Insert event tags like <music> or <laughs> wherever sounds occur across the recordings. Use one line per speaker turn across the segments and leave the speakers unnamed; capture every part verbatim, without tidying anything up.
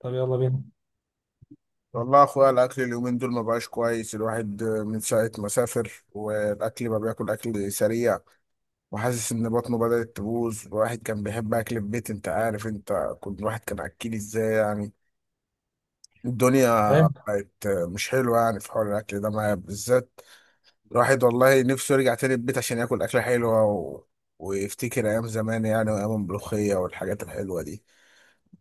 طب يلا بينا.
والله يا اخويا الاكل اليومين دول ما بقاش كويس. الواحد من ساعه ما سافر والاكل بقى بياكل اكل سريع وحاسس ان بطنه بدات تبوظ. الواحد كان بيحب اكل البيت، انت عارف انت كنت، الواحد كان اكيل ازاي يعني. الدنيا
ايه.
بقت مش حلوه يعني في حوار الاكل ده معايا بالذات. الواحد والله نفسه يرجع تاني البيت عشان ياكل اكله حلوه و... ويفتكر ايام زمان يعني، وايام الملوخيه والحاجات الحلوه دي.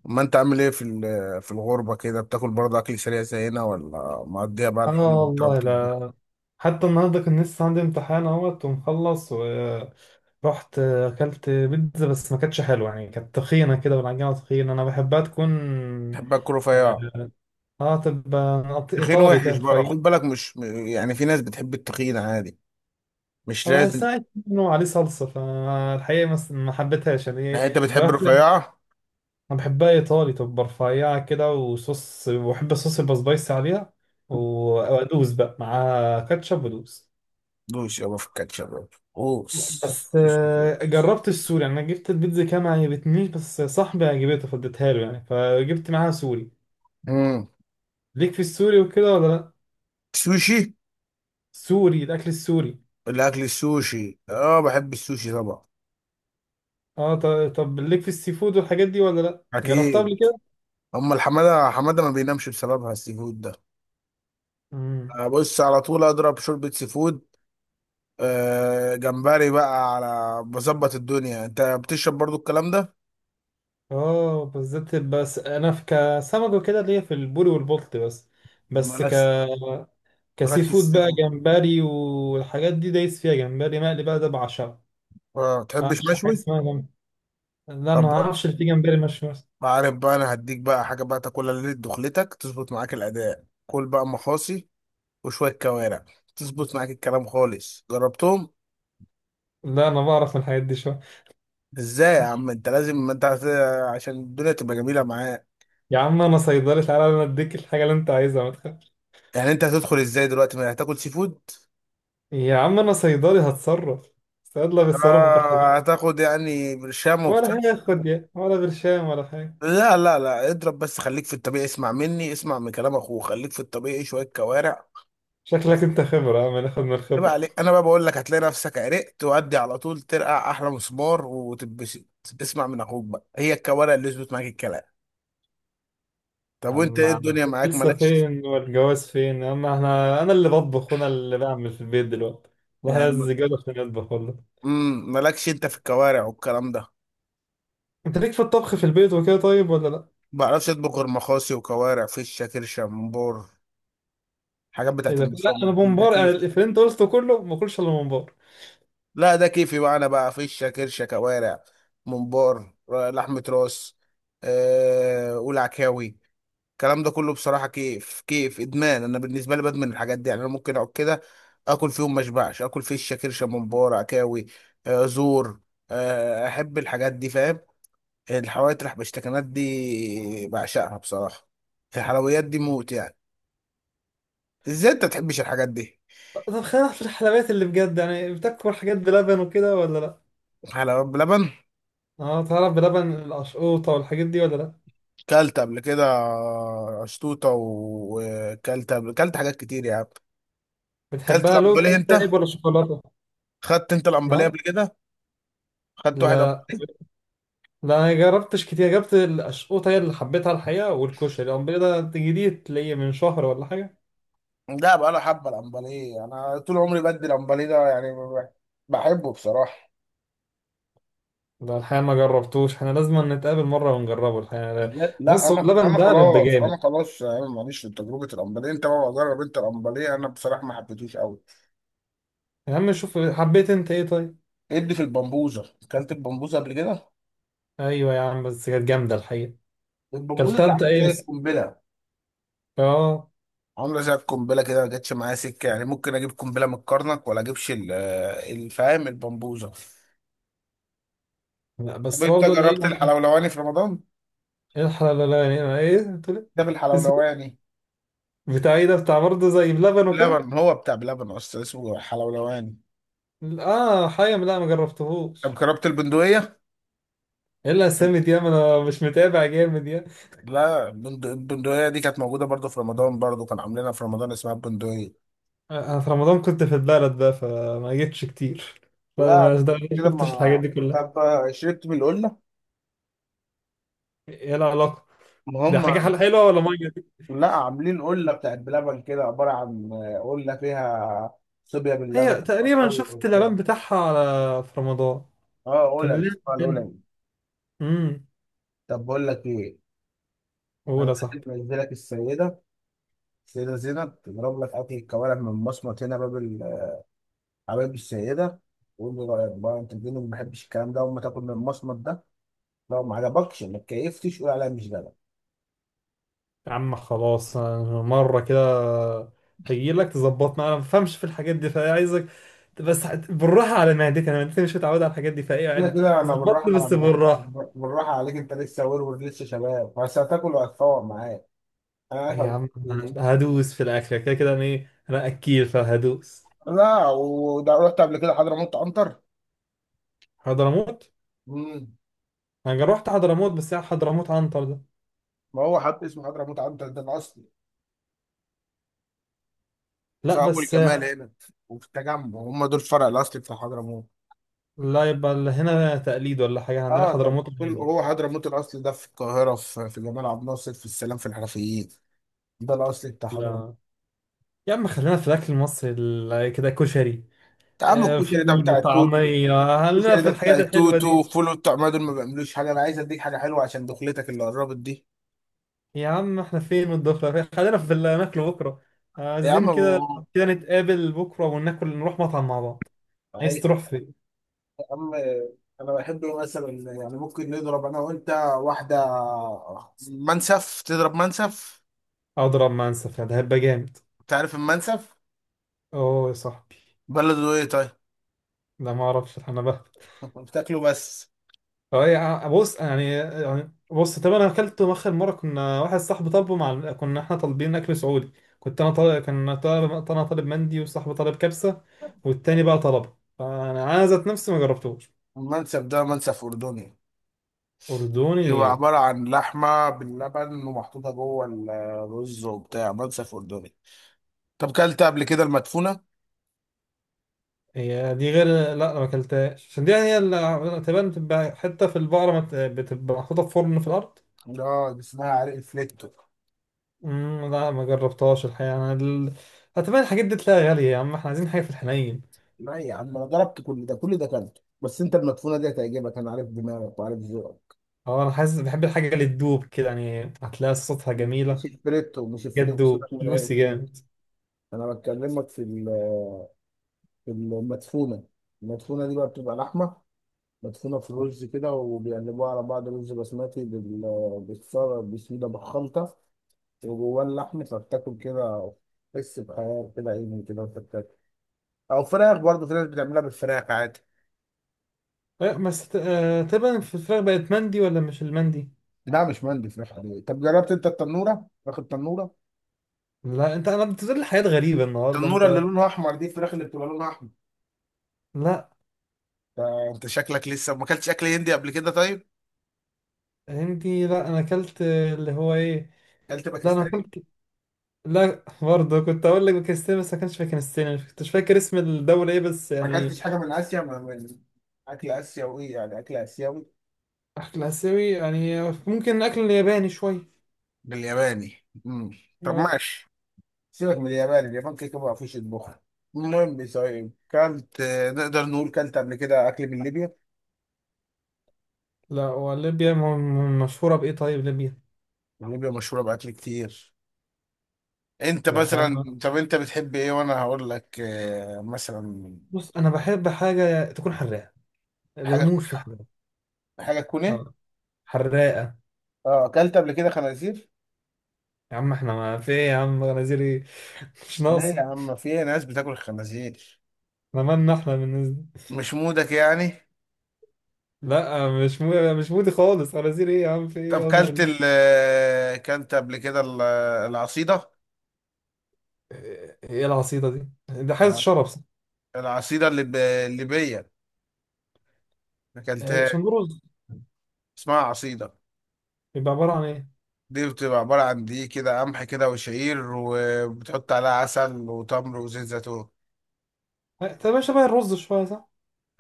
ما انت عامل ايه في ال- في الغربة كده؟ بتاكل برضه اكل سريع زينا ولا مقضيها بقى الحمض
اه،
بتاع
والله
بتطبخ؟
لا. حتى النهارده كان لسه عندي امتحان اهوت ومخلص، ورحت اكلت بيتزا بس ما كانتش حلوه يعني، كانت تخينه كده والعجينه تخينه، انا بحبها تكون
بحب اكل رفيع.
اه آه، تبقى نط-
تخين
ايطالي كده
وحش بقى،
رفيع.
خد بالك، مش م- يعني في ناس بتحب التخين عادي، مش لازم.
فبحسها انه عليه صلصه، فالحقيقه ما ما حبيتهاش يعني.
يعني انت بتحب
رحت انا.
الرفيعة.
بحبها ايطالي، تبقى رفيعه كده وصوص، وبحب الصوص يبقى سبايسي عليها، وادوس بقى مع كاتشب ودوس.
دوس يابا في الكاتشب يابا. دوس
بس
دوس
آه،
دوس.
جربت السوري. انا جبت البيتزا كده ما عجبتنيش، بس صاحبي عجبته فاديتها له يعني، فجبت معاها سوري.
مم.
ليك في السوري وكده ولا لا؟
سوشي.
سوري، الاكل السوري.
الاكل السوشي، اه بحب السوشي طبعا.
اه، ط- طب ليك في السي فود والحاجات دي ولا لا؟ جربتها
اكيد.
قبل كده؟
اما الحماده حماده ما بينامش بسببها السي فود ده.
امم.
أه، بص على طول اضرب شوربه سي فود. آه، جمبري بقى على بظبط الدنيا. انت بتشرب برضو الكلام ده؟
اه بالذات، بس انا في كسمك وكده ليا في البوري والبلط بس. بس ك
مالكش.
كسي
مالكش
فود
السي
بقى
فود.
جمبري والحاجات دي، دايس فيها جمبري مقلي بقى ده بعشقه.
اه
ما
تحبش
اعرفش حاجه
مشوي؟
اسمها جمبري. لا انا ما
طب،
اعرفش اللي فيه جمبري مشوي.
ما عارف بقى، انا هديك بقى حاجه بقى تاكلها ليله دخلتك تظبط معاك الاداء. كل بقى مخاصي وشويه كوارع تظبط معاك الكلام خالص، جربتهم.
لا انا بعرف من الحاجات دي شويه.
ازاي يا عم؟ انت لازم، ما انت هت... عشان الدنيا تبقى جميله معاك.
يا عم انا صيدلي، تعالى انا اديك الحاجه اللي انت عايزها ما تخافش.
يعني انت هتدخل ازاي دلوقتي ما هتاكل سي فود؟
يا عم انا صيدلي، هتصرف. الصيدله بيتصرفوا في الحاجات.
آه هتاخد يعني برشام وبتاع.
ولا هياخد يا، ولا برشام ولا حاجه.
لا لا لا، اضرب بس، خليك في الطبيعي، اسمع مني، اسمع من كلام اخوه، خليك في الطبيعي، شويه كوارع.
شكلك انت خبره يا عم، ناخد من
يبقى
الخبره.
عليك انا بقى، بقول لك هتلاقي نفسك عرقت وادي على طول، ترقع احلى مسمار وتتبسط. اسمع من اخوك بقى، هي الكوارع اللي يظبط معاك الكلام. طب
يا
وانت
عم
ايه،
على-
الدنيا معاك
لسه
مالكش؟
فين والجواز فين يا عم، احنا انا اللي بطبخ وانا اللي بعمل في البيت دلوقتي. والله
يعني
لازم
م-
الزجاجة عشان يطبخ والله.
امم مالكش انت في الكوارع والكلام ده؟
انت ليك في الطبخ في البيت وكده طيب ولا لا؟
ما بعرفش اطبخ غير مخاصي وكوارع فشه كرشه ممبار، حاجات
ايه
بتاعت
ده؟ لا
المصامت
انا
دي، ده
ممبار، انا
كيف.
اللي انت قلته كله ما باكلش الا ممبار.
لا ده كيفي بقى، انا بقى فيشه كرشه كوارع ممبار ر- لحمه راس. أه والعكاوي. الكلام ده كله بصراحه كيف كيف، ادمان. انا بالنسبه لي بدمن الحاجات دي يعني، انا ممكن اقعد كده اكل فيهم ما اشبعش، اكل فيشه كرشه ممبار عكاوي. أه زور. أه احب الحاجات دي، فاهم؟ الحوادق البشتكنات دي بعشقها بصراحه. الحلويات دي موت يعني. ازاي انت تحبش الحاجات دي؟
طب خلينا في الحلويات اللي بجد، يعني بتاكل حاجات بلبن وكده ولا لا؟
حلويات بلبن.
اه، تعرف بلبن القشقوطة والحاجات دي ولا لا؟
كلت قبل كده شطوطه، وكلت قبل، كلت حاجات كتير يعني. كلت
بتحبها لوز؟
الامبليه انت؟
طيب ولا شوكولاتة؟
خدت انت الامبليه
اه.
قبل كده؟ خدت واحد
لا.
امبليه؟
لا، انا جربتش كتير، جربت القشقوطة هي اللي حبيتها الحقيقة، والكشري الأمر ده جديد تلاقيه من شهر ولا حاجة.
لا بقى له حبه الامبليه، انا طول عمري بدي الامبليه ده يعني، ب- بحبه بصراحه.
لا الحقيقة ما جربتوش، احنا لازم نتقابل مرة ونجربه الحقيقة لا.
لا لا،
بص هو
انا
اللبن
انا
ده بيبقى
خلاص، انا
جامد.
خلاص يعني، ماليش في تجربه الامبليه. انت بقى جرب انت الامبليه، انا بصراحه ما حبيتوش قوي.
يا عم شوف، حبيت انت ايه طيب؟
ادي في البمبوزه، اكلت البمبوزه قبل كده.
ايوه يا عم، بس كانت جامدة الحقيقة.
البمبوزه
كلتها
دي
انت
عامله
ايه
زي
بس؟
القنبله.
اه.
عامله زي القنبله كده، ما جاتش معايا سكه يعني. ممكن اجيب قنبله من الكرنك ولا اجيبش ال- الفاهم البمبوزه.
لا
طب
بس
انت
برضه الايه
جربت
يعني؟
الحلولواني في رمضان؟
الحلال لا، لا، يعني ايه، بتقول إيه؟
ده
اسمه؟
بالحلولواني.
بتاع ايه ده، بتاع برضه زي بلبن وكده؟
لبن، هو بتاع بلبن اصلا، اسمه حلولواني.
اه حيم، لا ما
طب
جربتهوش.
جربت البندقيه؟
ايه الاسامي دي يا، ما انا مش متابع جامد يا.
لا، البند- البندقيه دي كانت موجوده برضو في رمضان، برضو كان عاملينها في رمضان، اسمها البندقيه.
انا في رمضان كنت في البلد بقى، فما جيتش كتير، فما
لا
ما
كده
شفتش الحاجات
ما،
دي كلها.
طب شربت من القله؟
ايه العلاقة؟
ما
دي حاجة
هم،
حل- حلوة ولا مية دي؟
لا عاملين قله بتاعت بلبن كده، عباره عن آه، قله فيها صوبيا باللبن
هي تقريبا
عصاير
شفت
وبتاع.
الإعلان بتاعها على في رمضان.
اه اولى
كان ليه؟
الاسبوع الاولاني.
امم.
طب بقول لك ايه،
قول
انا
يا صاحبي.
لازم انزلك السيده. السيده زينب تضرب لك اكل الكوارع من مصمت هنا باب ال- حبايب السيده. وقول لي رايك بقى، انت الدنيا ما بحبش الكلام ده اول ما تاكل من المصمت ده. لو ما عجبكش ما اتكيفتش، قول عليا مش جدع.
يا عم خلاص، أنا مرة كده هجيلك تظبطنا، أنا ما بفهمش في الحاجات دي فعايزك. بس هت- بالراحة على معدتي، أنا معدتي مش متعودة على الحاجات دي، فإيه
كده
يعني.
كده انا
ظبطني
بالراحه على
بس
معدتك.
بالراحة.
بالراحه عليك، انت لسه ورور، لسه شباب، بس هتاكل وهتفوق معايا. انا عارف
يا
هتقول
عم
إيه.
هدوس في الأكل كده كده، أنا إيه أنا أكيل فهدوس.
لا وده، رحت قبل كده حضرموت عنتر؟
حضرموت.
امم
أنا رحت حضرموت بس، يعني حضرموت عنتر ده؟
ما هو حد اسمه حضرموت عنتر ده. انا اصلي في
لا
اول
بس.
جمال هنا، وفي التجمع، هم دول الفرع الاصلي بتاع حضرموت.
لا يبقى اللي هنا تقليد ولا حاجة، عندنا
اه طب،
حضرموت
كل
عادي.
هو حضرموت الاصلي ده في القاهره، في, في جمال عبد الناصر، في السلام، في الحرفيين. ده الاصلي بتاع حضرموت.
لا يا عم، خلينا في الأكل المصري ال- كده، كشري.
يا عم
آه،
الكشري ده
فول
بتاع التوتو.
وطعمية، خلينا
الكشري
في
ده بتاع
الحاجات الحلوة
التوتو،
دي.
فول بتاع، ما دول ما بيعملوش حاجه. انا عايز اديك حاجه حلوه عشان دخلتك اللي قربت دي.
يا عم احنا فين من الدخلة، خلينا في اللي هناكله بكرة،
يا عم
عايزين كده.
أبو-
كده نتقابل بكرة وناكل، نروح مطعم مع بعض. عايز
عايز.
تروح فين؟
يا عم، انا بحب مثلا يعني، ممكن نضرب انا وانت واحده منسف. تضرب منسف؟
أضرب منسف ده هيبقى جامد.
تعرف المنسف؟
أوه يا صاحبي.
بلده ايه طيب؟
ده ما أعرفش أنا بهبط.
بتاكله بس؟
أه يا عم، بص يعني يعني بص طب، أنا أكلته آخر مرة كنا واحد صاحبي طالبه، مع كنا احنا طالبين أكل سعودي. كنت أنا طالب، كان طالب، أنا طالب مندي، وصاحبي طالب كبسة، والتاني بقى طلبه، فأنا أنا ذات نفسي ما جربتوش.
المنسف ده منسف أردني. بيبقى
أردني.
عبارة عن لحمة باللبن ومحطوطة جوه الرز وبتاع، منسف أردني. طب كلت قبل كده المدفونة؟
هي دي غير، لا أنا ما أكلتهاش، عشان دي يعني هي اللي تبان بتبقى حتة في البقرة، مت- بتبقى محطوطة في فرن في الأرض.
لا دي اسمها عرق فليكتو.
مم، لا ما جربتهاش الحقيقة، أنا ال... هتبان الحاجات دي تلاقيها غالية، يا عم احنا عايزين حاجة في الحنين.
لا يا عم، أنا جربت كل ده، كل ده كلته، بس أنت المدفونة دي هتعجبك. أنا عارف دماغك وعارف ذوقك.
أه أنا حاسس، بحب الحاجة اللي تدوب كده يعني، هتلاقي صوتها جميلة
مش
طب.
الفليتو، مش الفليتو،
جد
سيبك من عرق
جوسي
الفليتو.
جامد.
أنا بكلمك في ال- في المدفونة. المدفونة دي بقى بتبقى لحمة مدفونة في رز كده، وبيقلبوها على بعض، رز بسمتي بال- بالصلصة، بسم الله، بالخلطة، وجواه اللحم، فبتاكل كده. تحس بحياة كده، عيني كده وأنت بتاكل. أو فراخ برضه، في ناس بتعملها بالفراخ عادي.
لا، بس ت- آه، تبان في الفراخ بقت مندي ولا مش المندي؟
لا مش مندي، فراخ عادية. طب جربت أنت التنورة؟ فراخ التنورة؟
لا انت، انا بتقول لي حاجات غريبة النهاردة
التنورة اللي
انت.
لونها أحمر دي، الفراخ اللي بتبقى لونها أحمر.
لا
ده أنت شكلك لسه ما أكلتش أكل هندي قبل كده طيب؟
عندي، لا انا اكلت اللي هو ايه.
أكلت
لا انا
باكستاني؟
اكلت. لا برضه، كنت اقول لك باكستان، بس ما كانش في باكستان، مش كنتش فاكر اسم الدولة ايه بس
ما
يعني.
أكلتش حاجة من آسيا، ما- من أكل آسيوي يعني، أكل آسيوي.
اكل اسيوي يعني. ممكن اكل ياباني شوية.
بالياباني. مم. طب
آه.
ماشي. سيبك من اليابان، اليابان كده كده ما فيش يطبخوا. المهم، طيب كلت آه، نقدر نقول، كلت قبل كده اكل من ليبيا؟
لا، وليبيا م- م- مشهورة بايه طيب ليبيا؟
ليبيا مشهوره باكل كتير. انت
لا حاجة.
مثلا، طب انت بتحب ايه وانا هقول لك آه، مثلا.
بص انا بحب حاجة تكون حراقة،
حاجه
بموت
تكون،
في حاجة.
حاجه تكون ايه؟
اه. حراقة.
اه اكلت قبل كده خنازير؟
يا عم احنا ما في ايه يا عم، غنازير ايه؟ <laughs> مش
لا يا
ناقصة.
عم، في ناس بتاكل خنازير.
احنا مالنا احنا بالنسبة.
مش مودك يعني؟
لا مش مو... مش مودي خالص، غنازير ايه يا عم في
طب
ايه اعوذ
كلت ال
بالله.
آه، كلت قبل كده ال- العصيده.
ايه؟ إيه العصيدة دي؟ ده حاجة
الع-
شرب صح؟
العصيده الليب- الليبيه، اكلتها؟
شندوروز.
اسمها عصيده.
بيبقى عبارة عن ايه؟
دي بتبقى عبارة عن دقيق كده، قمح كده، وشعير، وبتحط عليها عسل وتمر وزيت زيتون.
تبقى شبه الرز شوية صح؟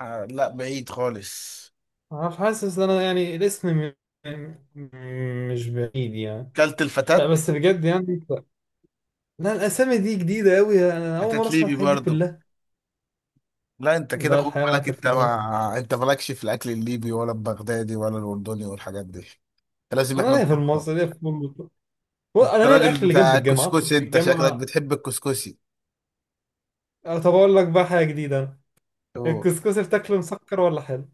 آه لا، بعيد خالص.
انا مش حاسس ان انا يعني الاسم م... م- مش بعيد يعني.
كلت
لا
الفتات؟
بس بجد يعني لا. لا، الاسامي دي جديدة قوي، انا اول مرة
فتات
اسمع
ليبي
الحاجات دي
برضه.
كلها.
لا انت كده
لا
خد
الحقيقة انا
بالك،
كنت.
انت ما انت مالكش في الاكل الليبي ولا البغدادي ولا الاردني والحاجات دي. انت لازم
انا
احنا
ليا في
نفكر.
المصري ليا في كله،
انت
انا ليا الاكل
راجل
اللي جنب
بتاع
الجامعة اطلع من
الكسكسي، انت شكلك
الجامعة.
بتحب الكسكسي.
أه، طب اقول لك بقى حاجة جديدة أنا.
أوه.
الكسكسي بتاكله مسكر ولا حلو؟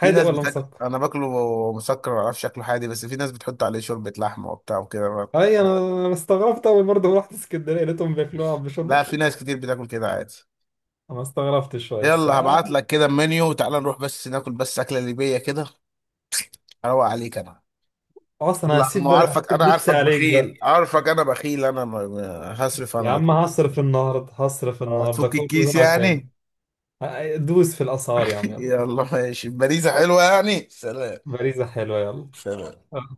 في ناس
ولا
بتاكل،
مسكر؟
انا باكله مسكر، ما اعرفش شكله حادي، بس في ناس بتحط عليه شوربة لحمة وبتاع وكده.
اي انا. أنا استغربت اول، برضه رحت اسكندريه لقيتهم بياكلوها بشرب.
لا، في ناس كتير بتاكل كده عادي.
انا استغربت شويه بس
يلا
آه،
هبعت لك كده المنيو، تعال نروح بس ناكل بس أكلة ليبية كده. اروق عليك انا.
اصلا
لا
هسيب
ما
بقى،
عارفك، انا
هسيب نفسي
عارفك
عليك بقى.
بخيل، عارفك انا بخيل، انا ما- ما- هصرف انا،
يا
ما
عم
تقلق.
هصرف النهارده، هصرف
آه،
النهارده
هتفك
كله
الكيس
يكون عشان.
يعني.
دوس في الاسعار يا عم
<laughs>
يلا.
يلا ماشي، باريزة حلوة يعني، سلام.
باريزة حلوة يلا.
سلام.
آه.